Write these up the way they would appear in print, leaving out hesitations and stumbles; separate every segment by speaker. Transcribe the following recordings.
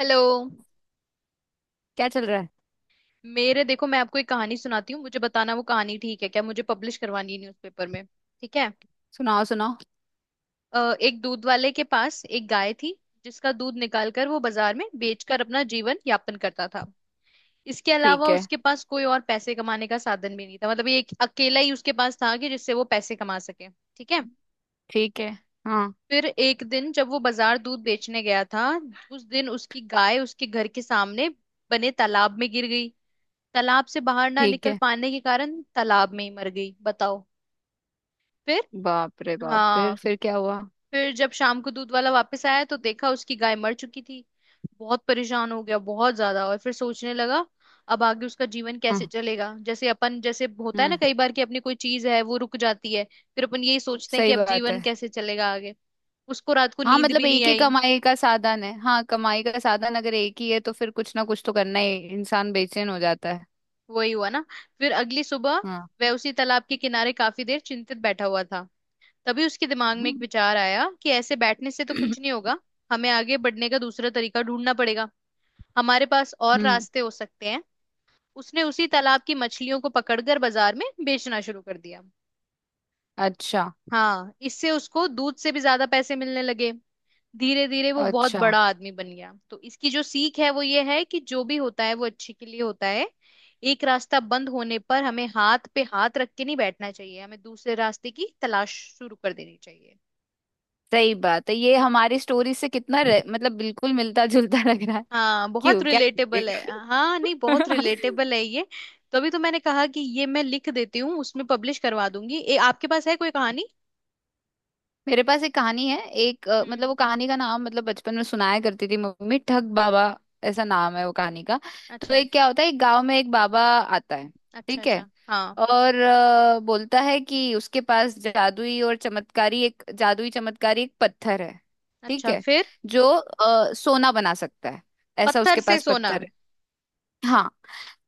Speaker 1: Hello.
Speaker 2: क्या चल रहा है।
Speaker 1: मेरे देखो, मैं आपको एक कहानी सुनाती हूँ, मुझे बताना वो कहानी ठीक है क्या। मुझे पब्लिश करवानी है न्यूज़पेपर में। ठीक है।
Speaker 2: सुनाओ सुनाओ।
Speaker 1: एक दूध वाले के पास एक गाय थी जिसका दूध निकालकर वो बाजार में बेचकर अपना जीवन यापन करता था। इसके
Speaker 2: ठीक
Speaker 1: अलावा
Speaker 2: है।
Speaker 1: उसके पास कोई और पैसे कमाने का साधन भी नहीं था, मतलब ये एक अकेला ही उसके पास था कि जिससे वो पैसे कमा सके। ठीक है।
Speaker 2: ठीक है। हाँ।
Speaker 1: फिर एक दिन जब वो बाजार दूध बेचने गया था, उस दिन उसकी गाय उसके घर के सामने बने तालाब में गिर गई। तालाब से बाहर ना
Speaker 2: ठीक
Speaker 1: निकल
Speaker 2: है।
Speaker 1: पाने के कारण तालाब में ही मर गई, बताओ। फिर।
Speaker 2: बाप रे बाप। फिर
Speaker 1: हाँ।
Speaker 2: फिर क्या हुआ।
Speaker 1: फिर जब शाम को दूध वाला वापस आया तो देखा उसकी गाय मर चुकी थी। बहुत परेशान हो गया, बहुत ज्यादा, और फिर सोचने लगा अब आगे उसका जीवन कैसे
Speaker 2: हम्म।
Speaker 1: चलेगा। जैसे अपन, जैसे होता है ना
Speaker 2: हम्म।
Speaker 1: कई बार कि अपनी कोई चीज है वो रुक जाती है। फिर अपन यही सोचते हैं कि
Speaker 2: सही
Speaker 1: अब
Speaker 2: बात
Speaker 1: जीवन
Speaker 2: है।
Speaker 1: कैसे चलेगा आगे। उसको रात को
Speaker 2: हाँ,
Speaker 1: नींद
Speaker 2: मतलब
Speaker 1: भी नहीं
Speaker 2: एक ही
Speaker 1: आई।
Speaker 2: कमाई का साधन है। हाँ, कमाई का साधन अगर एक ही है तो फिर कुछ ना कुछ तो करना ही, इंसान बेचैन हो जाता है।
Speaker 1: वही हुआ ना। फिर अगली सुबह
Speaker 2: हाँ।
Speaker 1: वह उसी तालाब के किनारे काफी देर चिंतित बैठा हुआ था। तभी उसके दिमाग में एक विचार आया कि ऐसे बैठने से तो कुछ नहीं होगा, हमें आगे बढ़ने का दूसरा तरीका ढूंढना पड़ेगा, हमारे पास और
Speaker 2: हम्म।
Speaker 1: रास्ते हो सकते हैं। उसने उसी तालाब की मछलियों को पकड़कर बाजार में बेचना शुरू कर दिया।
Speaker 2: अच्छा।
Speaker 1: हाँ, इससे उसको दूध से भी ज्यादा पैसे मिलने लगे। धीरे धीरे वो बहुत
Speaker 2: अच्छा।
Speaker 1: बड़ा आदमी बन गया। तो इसकी जो सीख है वो ये है कि जो भी होता है वो अच्छे के लिए होता है। एक रास्ता बंद होने पर हमें हाथ पे हाथ रख के नहीं बैठना चाहिए, हमें दूसरे रास्ते की तलाश शुरू कर देनी चाहिए।
Speaker 2: सही बात है, ये हमारी स्टोरी से कितना मतलब बिल्कुल मिलता जुलता लग रहा है।
Speaker 1: हाँ, बहुत
Speaker 2: क्यों, क्या
Speaker 1: रिलेटेबल है।
Speaker 2: बोलते
Speaker 1: हाँ, नहीं,
Speaker 2: हो?
Speaker 1: बहुत रिलेटेबल है ये। तो अभी तो मैंने कहा कि ये मैं लिख देती हूँ, उसमें पब्लिश करवा दूंगी। आपके पास है कोई कहानी।
Speaker 2: मेरे पास एक कहानी है, एक मतलब वो
Speaker 1: हम्म।
Speaker 2: कहानी का नाम, मतलब बचपन में सुनाया करती थी मम्मी, ठग बाबा। ऐसा नाम है वो कहानी का। तो
Speaker 1: अच्छा
Speaker 2: एक क्या होता है, एक गांव में एक बाबा आता है।
Speaker 1: अच्छा।
Speaker 2: ठीक है।
Speaker 1: अच्छा हाँ।
Speaker 2: और बोलता है कि उसके पास जादुई और चमत्कारी, एक जादुई चमत्कारी एक पत्थर है। ठीक
Speaker 1: अच्छा,
Speaker 2: है।
Speaker 1: फिर।
Speaker 2: जो सोना बना सकता है। ऐसा
Speaker 1: पत्थर
Speaker 2: उसके
Speaker 1: से
Speaker 2: पास
Speaker 1: सोना।
Speaker 2: पत्थर है। हाँ।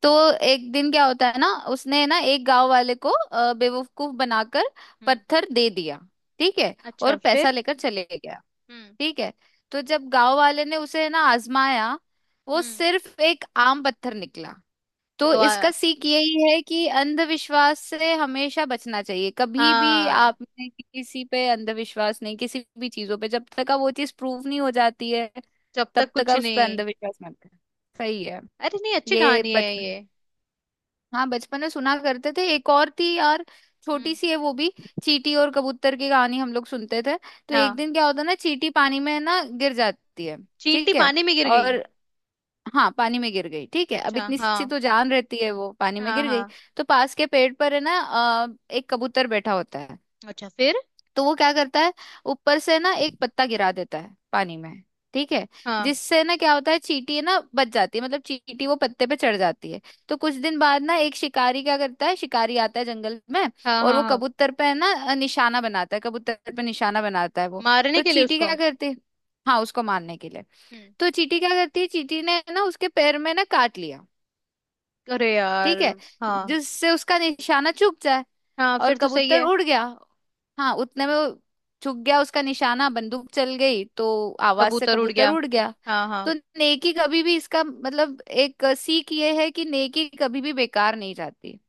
Speaker 2: तो एक दिन क्या होता है ना, उसने ना एक गांव वाले को बेवकूफ बनाकर
Speaker 1: हम्म।
Speaker 2: पत्थर दे दिया। ठीक है।
Speaker 1: अच्छा,
Speaker 2: और पैसा
Speaker 1: फिर।
Speaker 2: लेकर चले गया।
Speaker 1: हम्म
Speaker 2: ठीक है। तो जब गांव वाले ने उसे ना आजमाया, वो
Speaker 1: हम्म।
Speaker 2: सिर्फ एक आम पत्थर निकला। तो
Speaker 1: तो
Speaker 2: इसका सीख यही है कि अंधविश्वास से हमेशा बचना चाहिए। कभी भी
Speaker 1: हाँ,
Speaker 2: आपने किसी पे अंधविश्वास नहीं, किसी भी चीजों पे जब तक आप वो चीज प्रूव नहीं हो जाती है
Speaker 1: जब
Speaker 2: तब
Speaker 1: तक
Speaker 2: तक
Speaker 1: कुछ
Speaker 2: आप उस पर
Speaker 1: नहीं।
Speaker 2: अंधविश्वास मत करें। सही है।
Speaker 1: अरे नहीं, अच्छी
Speaker 2: ये
Speaker 1: कहानी है ये।
Speaker 2: बचपन, हाँ बचपन में सुना करते थे। एक और थी यार, छोटी
Speaker 1: हम्म।
Speaker 2: सी है वो भी। चींटी और कबूतर की कहानी हम लोग सुनते थे। तो एक
Speaker 1: हाँ,
Speaker 2: दिन क्या होता है ना, चींटी पानी में है ना गिर जाती है।
Speaker 1: चींटी
Speaker 2: ठीक है।
Speaker 1: पानी में गिर गई।
Speaker 2: और हाँ, पानी में गिर गई। ठीक है। अब
Speaker 1: अच्छा
Speaker 2: इतनी
Speaker 1: हाँ।
Speaker 2: सी तो जान रहती है, वो पानी में
Speaker 1: हाँ
Speaker 2: गिर गई।
Speaker 1: हाँ।
Speaker 2: तो पास के पेड़ पर है ना एक कबूतर बैठा होता है।
Speaker 1: अच्छा फिर।
Speaker 2: तो वो क्या करता है, ऊपर से ना एक पत्ता गिरा देता है पानी में। ठीक है।
Speaker 1: हाँ
Speaker 2: जिससे ना क्या होता है, चींटी ना बच जाती है, मतलब चींटी वो पत्ते पे चढ़ जाती है। तो कुछ दिन बाद ना एक शिकारी क्या करता है, शिकारी आता है जंगल में।
Speaker 1: हाँ
Speaker 2: और
Speaker 1: हाँ।
Speaker 2: वो
Speaker 1: हाँ,
Speaker 2: कबूतर पे है ना निशाना बनाता है, कबूतर पे निशाना बनाता है वो।
Speaker 1: मारने
Speaker 2: तो
Speaker 1: के लिए
Speaker 2: चींटी
Speaker 1: उसको।
Speaker 2: क्या करती है। हाँ उसको मारने के लिए।
Speaker 1: हम्म।
Speaker 2: तो चींटी क्या करती है, चींटी ने ना उसके पैर में ना काट लिया।
Speaker 1: अरे यार।
Speaker 2: ठीक है।
Speaker 1: हाँ।
Speaker 2: जिससे उसका निशाना चूक जाए।
Speaker 1: हाँ,
Speaker 2: और
Speaker 1: फिर तो सही
Speaker 2: कबूतर
Speaker 1: है।
Speaker 2: उड़ गया। हाँ उतने में वो चुक गया उसका निशाना, बंदूक चल गई तो आवाज से
Speaker 1: कबूतर उड़
Speaker 2: कबूतर
Speaker 1: गया।
Speaker 2: उड़ गया।
Speaker 1: हाँ
Speaker 2: तो
Speaker 1: हाँ।
Speaker 2: नेकी कभी भी, इसका मतलब एक सीख ये है कि नेकी कभी भी बेकार नहीं जाती।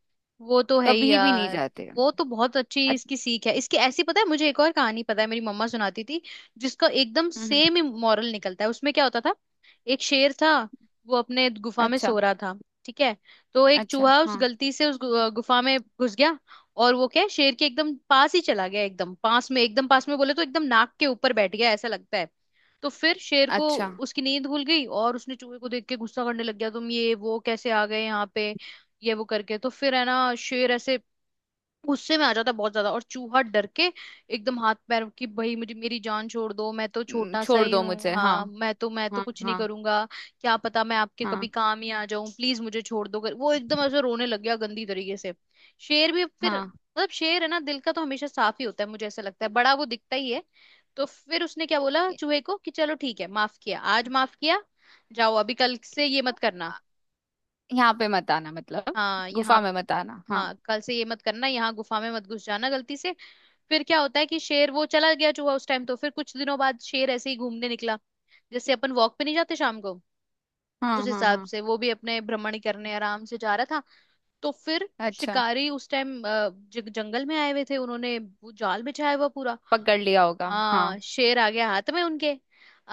Speaker 1: वो तो है ही
Speaker 2: कभी भी नहीं
Speaker 1: यार।
Speaker 2: जाते।
Speaker 1: वो तो बहुत अच्छी
Speaker 2: अच्छ-
Speaker 1: इसकी सीख है, इसकी ऐसी। पता है, मुझे एक और कहानी पता है, मेरी मम्मा सुनाती थी जिसका एकदम
Speaker 2: हम्म। हम्म।
Speaker 1: सेम ही मॉरल निकलता है। उसमें क्या होता था, एक शेर था वो अपने गुफा में सो
Speaker 2: अच्छा।
Speaker 1: रहा था। ठीक है। तो एक
Speaker 2: अच्छा।
Speaker 1: चूहा उस
Speaker 2: हाँ।
Speaker 1: गलती से उस गुफा में घुस गया। और वो क्या है, शेर के एकदम पास ही चला गया, एकदम पास में, एकदम पास में, बोले तो एकदम नाक के ऊपर बैठ गया ऐसा लगता है। तो फिर शेर को
Speaker 2: अच्छा।
Speaker 1: उसकी नींद भूल गई और उसने चूहे को देख के गुस्सा करने लग गया, तुम ये वो कैसे आ गए यहाँ पे, ये वो करके। तो फिर है ना, शेर ऐसे गुस्से में आ जाता है बहुत ज्यादा। और चूहा डर के एकदम हाथ पैर की, भाई मुझे मेरी जान छोड़ दो, मैं तो
Speaker 2: हम्म।
Speaker 1: छोटा सा
Speaker 2: छोड़
Speaker 1: ही
Speaker 2: दो
Speaker 1: हूँ,
Speaker 2: मुझे। हाँ।
Speaker 1: हाँ, मैं तो
Speaker 2: हाँ।
Speaker 1: कुछ नहीं
Speaker 2: हाँ।
Speaker 1: करूंगा, क्या पता मैं आपके कभी
Speaker 2: हाँ।
Speaker 1: काम ही आ जाऊं, प्लीज मुझे छोड़ दो, कर वो एकदम ऐसे रोने लग गया गंदी तरीके से। शेर भी फिर,
Speaker 2: हाँ।
Speaker 1: मतलब शेर है ना दिल का तो हमेशा साफ ही होता है मुझे ऐसा लगता है, बड़ा वो दिखता ही है। तो फिर उसने क्या बोला चूहे को कि चलो ठीक है, माफ किया, आज माफ किया, जाओ, अभी कल से ये मत करना।
Speaker 2: यहाँ पे मत आना, मतलब
Speaker 1: हाँ, यहाँ।
Speaker 2: गुफा में मत आना। हाँ।
Speaker 1: हाँ, कल से ये मत करना, यहाँ गुफा में मत घुस जाना गलती से। फिर क्या होता है कि शेर वो चला गया, चूहा उस टाइम। तो फिर कुछ दिनों बाद शेर ऐसे ही घूमने निकला, जैसे अपन वॉक पे नहीं जाते शाम को,
Speaker 2: हाँ।
Speaker 1: उस
Speaker 2: हाँ।
Speaker 1: हिसाब
Speaker 2: हाँ।
Speaker 1: से वो भी अपने भ्रमण करने आराम से जा रहा था। तो फिर
Speaker 2: अच्छा।
Speaker 1: शिकारी उस टाइम जंगल में आए हुए थे, उन्होंने वो जाल बिछाया हुआ पूरा।
Speaker 2: पकड़ लिया होगा। हाँ।
Speaker 1: हाँ, शेर आ गया हाथ में उनके।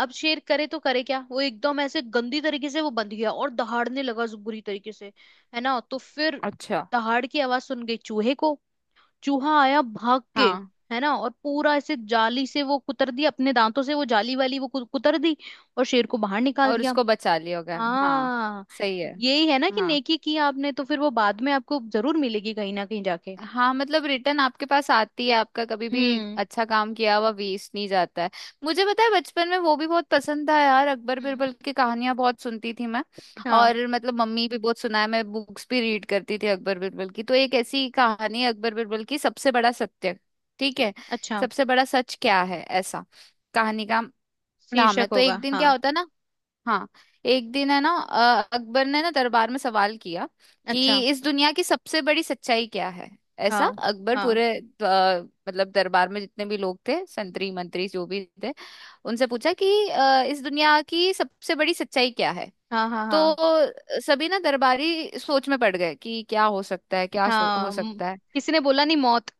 Speaker 1: अब शेर करे तो करे क्या, वो एकदम ऐसे गंदी तरीके से वो बंध गया और दहाड़ने लगा बुरी तरीके से, है ना। तो फिर
Speaker 2: अच्छा।
Speaker 1: दहाड़ की आवाज सुन गई चूहे को, चूहा आया भाग के,
Speaker 2: हाँ।
Speaker 1: है ना। और पूरा ऐसे जाली से वो कुतर दिया, अपने दांतों से वो जाली वाली वो कुतर दी, और शेर को बाहर निकाल
Speaker 2: और
Speaker 1: दिया।
Speaker 2: उसको बचा लिया होगा। हाँ।
Speaker 1: हाँ।
Speaker 2: सही है।
Speaker 1: यही है ना कि
Speaker 2: हाँ।
Speaker 1: नेकी की आपने, तो फिर वो बाद में आपको जरूर मिलेगी कहीं ना कहीं जाके।
Speaker 2: हाँ, मतलब रिटर्न आपके पास आती है आपका कभी भी।
Speaker 1: हम्म
Speaker 2: अच्छा काम किया हुआ वेस्ट नहीं जाता है। मुझे पता है बचपन में वो भी बहुत पसंद था यार, अकबर
Speaker 1: हम्म।
Speaker 2: बिरबल की कहानियां बहुत सुनती थी मैं।
Speaker 1: हाँ।
Speaker 2: और मतलब मम्मी भी बहुत सुनाए, मैं बुक्स भी रीड करती थी अकबर बिरबल की। तो एक ऐसी कहानी है अकबर बिरबल की, सबसे बड़ा सत्य। ठीक है।
Speaker 1: अच्छा,
Speaker 2: सबसे बड़ा सच क्या है, ऐसा कहानी का नाम है।
Speaker 1: शीर्षक
Speaker 2: तो
Speaker 1: होगा
Speaker 2: एक दिन क्या
Speaker 1: हाँ।
Speaker 2: होता है ना, हाँ, एक दिन है ना अकबर ने ना दरबार में सवाल किया
Speaker 1: अच्छा
Speaker 2: कि इस दुनिया की सबसे बड़ी सच्चाई क्या है। ऐसा
Speaker 1: हाँ।
Speaker 2: अकबर
Speaker 1: हाँ
Speaker 2: पूरे, मतलब दरबार में जितने भी लोग थे, संतरी मंत्री जो भी थे, उनसे पूछा कि इस दुनिया की सबसे बड़ी सच्चाई क्या है।
Speaker 1: हाँ। हाँ
Speaker 2: तो
Speaker 1: हाँ
Speaker 2: सभी ना दरबारी सोच में पड़ गए कि क्या हो सकता है, क्या हो
Speaker 1: हाँ। म-
Speaker 2: सकता है।
Speaker 1: किसी ने बोला नहीं, मौत।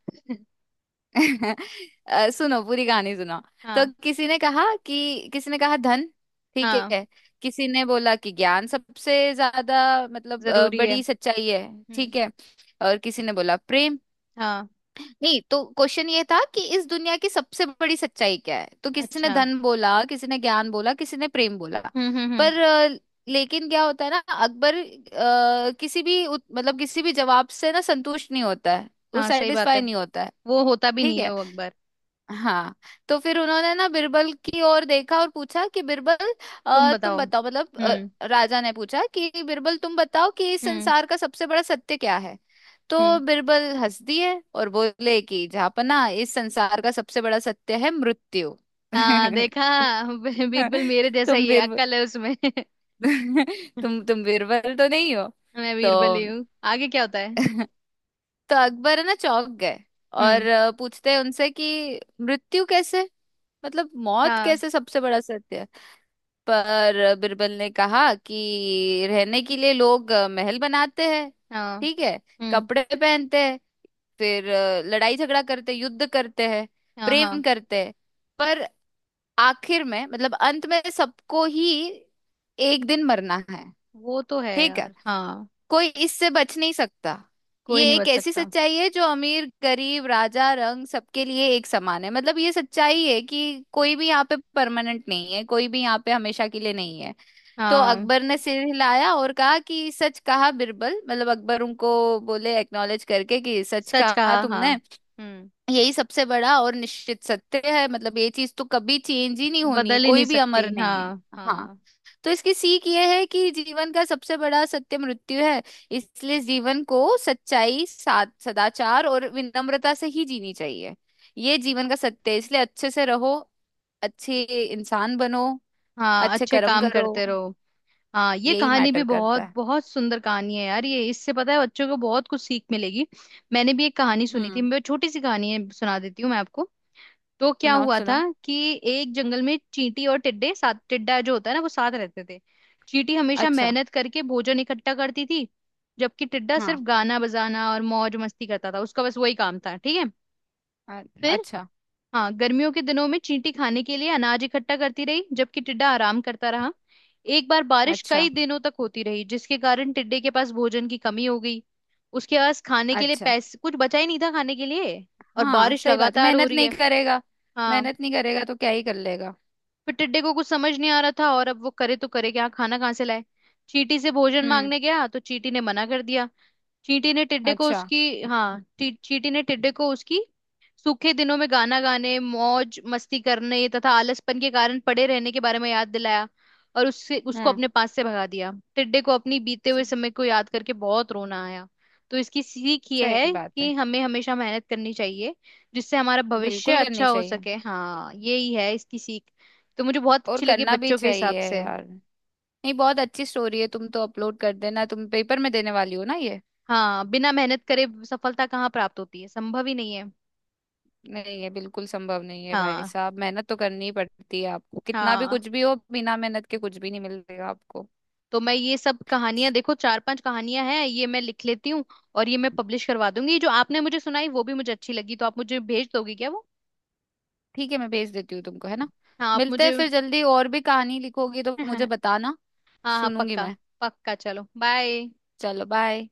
Speaker 2: सुनो पूरी कहानी सुनो। तो
Speaker 1: हाँ।
Speaker 2: किसी ने कहा कि, किसी ने कहा धन। ठीक
Speaker 1: हाँ,
Speaker 2: है। किसी ने बोला कि ज्ञान सबसे ज्यादा, मतलब
Speaker 1: जरूरी है।
Speaker 2: बड़ी सच्चाई है।
Speaker 1: हम्म।
Speaker 2: ठीक है। और किसी ने बोला प्रेम।
Speaker 1: हाँ।
Speaker 2: नहीं तो क्वेश्चन ये था कि इस दुनिया की सबसे बड़ी सच्चाई क्या है। तो किसी ने
Speaker 1: अच्छा।
Speaker 2: धन बोला, किसी ने ज्ञान बोला, किसी ने प्रेम बोला।
Speaker 1: हम्म।
Speaker 2: पर अ, लेकिन क्या होता है ना, अकबर किसी भी मतलब किसी भी जवाब से ना संतुष्ट नहीं होता है। वो
Speaker 1: हाँ, सही बात है,
Speaker 2: सेटिस्फाई नहीं होता है।
Speaker 1: वो होता भी
Speaker 2: ठीक
Speaker 1: नहीं है
Speaker 2: है।
Speaker 1: वो अकबर।
Speaker 2: हाँ। तो फिर उन्होंने ना बिरबल की ओर देखा और पूछा कि बिरबल
Speaker 1: तुम
Speaker 2: तुम
Speaker 1: बताओ।
Speaker 2: बताओ, मतलब राजा ने पूछा कि बिरबल तुम बताओ कि इस
Speaker 1: हम्म
Speaker 2: संसार का सबसे बड़ा सत्य क्या है। तो
Speaker 1: हम्म।
Speaker 2: बिरबल हंस दिए और बोले कि जापना इस संसार का सबसे बड़ा सत्य है, मृत्यु।
Speaker 1: हाँ देखा।
Speaker 2: तुम
Speaker 1: बीरबल मेरे जैसा
Speaker 2: तुम
Speaker 1: ही है,
Speaker 2: बिरबल
Speaker 1: अक्कल है उसमें।
Speaker 2: तुम बिरबल तो नहीं हो।
Speaker 1: मैं
Speaker 2: तो
Speaker 1: बीरबल ही हूँ, आगे क्या होता है।
Speaker 2: तो अकबर है ना चौंक गए और
Speaker 1: हम्म।
Speaker 2: पूछते हैं उनसे कि मृत्यु कैसे, मतलब मौत
Speaker 1: हाँ
Speaker 2: कैसे सबसे बड़ा सत्य है। पर बिरबल ने कहा कि रहने के लिए लोग महल बनाते हैं।
Speaker 1: हाँ।
Speaker 2: ठीक है।
Speaker 1: हम्म।
Speaker 2: कपड़े पहनते हैं। फिर लड़ाई झगड़ा करते हैं, युद्ध करते हैं।
Speaker 1: हाँ
Speaker 2: प्रेम
Speaker 1: हाँ।
Speaker 2: करते हैं। पर आखिर में, मतलब अंत में सबको ही एक दिन मरना है।
Speaker 1: वो तो है
Speaker 2: ठीक है।
Speaker 1: यार, हाँ।
Speaker 2: कोई इससे बच नहीं सकता।
Speaker 1: कोई
Speaker 2: ये
Speaker 1: नहीं
Speaker 2: एक
Speaker 1: बच
Speaker 2: ऐसी
Speaker 1: सकता।
Speaker 2: सच्चाई है जो अमीर गरीब राजा रंग सबके लिए एक समान है। मतलब ये सच्चाई है कि कोई भी यहाँ पे परमानेंट नहीं है, कोई भी यहाँ पे हमेशा के लिए नहीं है। तो
Speaker 1: हाँ,
Speaker 2: अकबर ने सिर हिलाया और कहा कि सच कहा बिरबल, मतलब अकबर उनको बोले, एक्नॉलेज करके कि सच
Speaker 1: सच
Speaker 2: कहा
Speaker 1: कहा, हाँ।
Speaker 2: तुमने।
Speaker 1: हम्म।
Speaker 2: यही सबसे बड़ा और निश्चित सत्य है, मतलब ये चीज तो कभी चेंज ही नहीं होनी है,
Speaker 1: बदल ही नहीं
Speaker 2: कोई भी अमर
Speaker 1: सकती,
Speaker 2: नहीं है।
Speaker 1: हाँ
Speaker 2: हाँ।
Speaker 1: हाँ।
Speaker 2: तो इसकी सीख यह है कि जीवन का सबसे बड़ा सत्य मृत्यु है। इसलिए जीवन को सच्चाई, सदाचार और विनम्रता से ही जीनी चाहिए। ये जीवन का सत्य है, इसलिए अच्छे से रहो। अच्छे इंसान बनो।
Speaker 1: हाँ,
Speaker 2: अच्छे
Speaker 1: अच्छे
Speaker 2: कर्म
Speaker 1: काम
Speaker 2: करो।
Speaker 1: करते रहो। हाँ, ये
Speaker 2: यही
Speaker 1: कहानी भी
Speaker 2: मैटर करता
Speaker 1: बहुत
Speaker 2: है।
Speaker 1: बहुत सुंदर कहानी है यार ये, इससे पता है बच्चों को बहुत कुछ सीख मिलेगी। मैंने भी एक कहानी सुनी थी,
Speaker 2: हम्म।
Speaker 1: मैं, छोटी सी कहानी है, सुना देती हूँ मैं आपको। तो क्या
Speaker 2: सुनाओ
Speaker 1: हुआ था
Speaker 2: सुनाओ।
Speaker 1: कि एक जंगल में चींटी और टिड्डे साथ, टिड्डा जो होता है ना वो साथ रहते थे। चींटी हमेशा
Speaker 2: अच्छा।
Speaker 1: मेहनत करके भोजन इकट्ठा करती थी जबकि टिड्डा
Speaker 2: हाँ।
Speaker 1: सिर्फ गाना बजाना और मौज मस्ती करता था, उसका बस वही काम था, ठीक है।
Speaker 2: अच्छा।
Speaker 1: हाँ, गर्मियों के दिनों में चींटी खाने के लिए अनाज इकट्ठा करती रही जबकि टिड्डा आराम करता रहा। एक बार बारिश
Speaker 2: अच्छा।
Speaker 1: कई दिनों तक होती रही जिसके कारण टिड्डे के पास भोजन की कमी हो गई। उसके पास खाने के लिए
Speaker 2: अच्छा।
Speaker 1: पैसे कुछ बचा ही नहीं था खाने के लिए, और
Speaker 2: हाँ।
Speaker 1: बारिश
Speaker 2: सही बात है,
Speaker 1: लगातार हो
Speaker 2: मेहनत
Speaker 1: रही
Speaker 2: नहीं
Speaker 1: है।
Speaker 2: करेगा।
Speaker 1: हाँ,
Speaker 2: मेहनत नहीं करेगा तो क्या ही कर लेगा।
Speaker 1: फिर टिड्डे को कुछ समझ नहीं आ रहा था और अब वो करे तो करे क्या, खाना कहाँ से लाए। चींटी से भोजन
Speaker 2: हम्म।
Speaker 1: मांगने गया तो चींटी ने मना कर दिया। चींटी ने टिड्डे को
Speaker 2: अच्छा।
Speaker 1: उसकी, हाँ, चींटी ने टिड्डे को उसकी सूखे दिनों में गाना गाने मौज मस्ती करने तथा आलसपन के कारण पड़े रहने के बारे में याद दिलाया। और उससे उसको
Speaker 2: हम्म।
Speaker 1: अपने पास से भगा दिया। टिड्डे को अपनी बीते
Speaker 2: स-
Speaker 1: हुए समय को याद करके बहुत रोना आया। तो इसकी सीख ये है
Speaker 2: सही बात
Speaker 1: कि
Speaker 2: है।
Speaker 1: हमें हमेशा मेहनत करनी चाहिए जिससे हमारा भविष्य
Speaker 2: बिल्कुल करनी
Speaker 1: अच्छा हो
Speaker 2: चाहिए।
Speaker 1: सके। हाँ, यही है इसकी सीख। तो मुझे बहुत
Speaker 2: और
Speaker 1: अच्छी लगी
Speaker 2: करना भी
Speaker 1: बच्चों के हिसाब
Speaker 2: चाहिए
Speaker 1: से।
Speaker 2: यार। नहीं, बहुत अच्छी स्टोरी है। तुम तो अपलोड कर देना, तुम पेपर में देने वाली हो ना ये।
Speaker 1: हाँ, बिना मेहनत करे सफलता कहाँ प्राप्त होती है, संभव ही नहीं है।
Speaker 2: नहीं ये बिल्कुल संभव नहीं है भाई
Speaker 1: हाँ
Speaker 2: साहब, मेहनत तो करनी ही पड़ती है आपको। कितना भी
Speaker 1: हाँ।
Speaker 2: कुछ भी हो, बिना मेहनत के कुछ भी नहीं मिलेगा आपको।
Speaker 1: तो मैं ये सब कहानियां, देखो, चार पांच कहानियां हैं ये, मैं लिख लेती हूँ और ये मैं पब्लिश करवा दूंगी। ये जो आपने मुझे सुनाई वो भी मुझे अच्छी लगी, तो आप मुझे भेज दोगे क्या वो।
Speaker 2: ठीक है, मैं भेज देती हूँ तुमको, है ना।
Speaker 1: हाँ, आप
Speaker 2: मिलते हैं
Speaker 1: मुझे
Speaker 2: फिर जल्दी। और भी कहानी लिखोगी तो मुझे
Speaker 1: हाँ
Speaker 2: बताना।
Speaker 1: हाँ
Speaker 2: सुनूंगी
Speaker 1: पक्का।
Speaker 2: मैं।
Speaker 1: पक्का, चलो बाय।
Speaker 2: चलो बाय।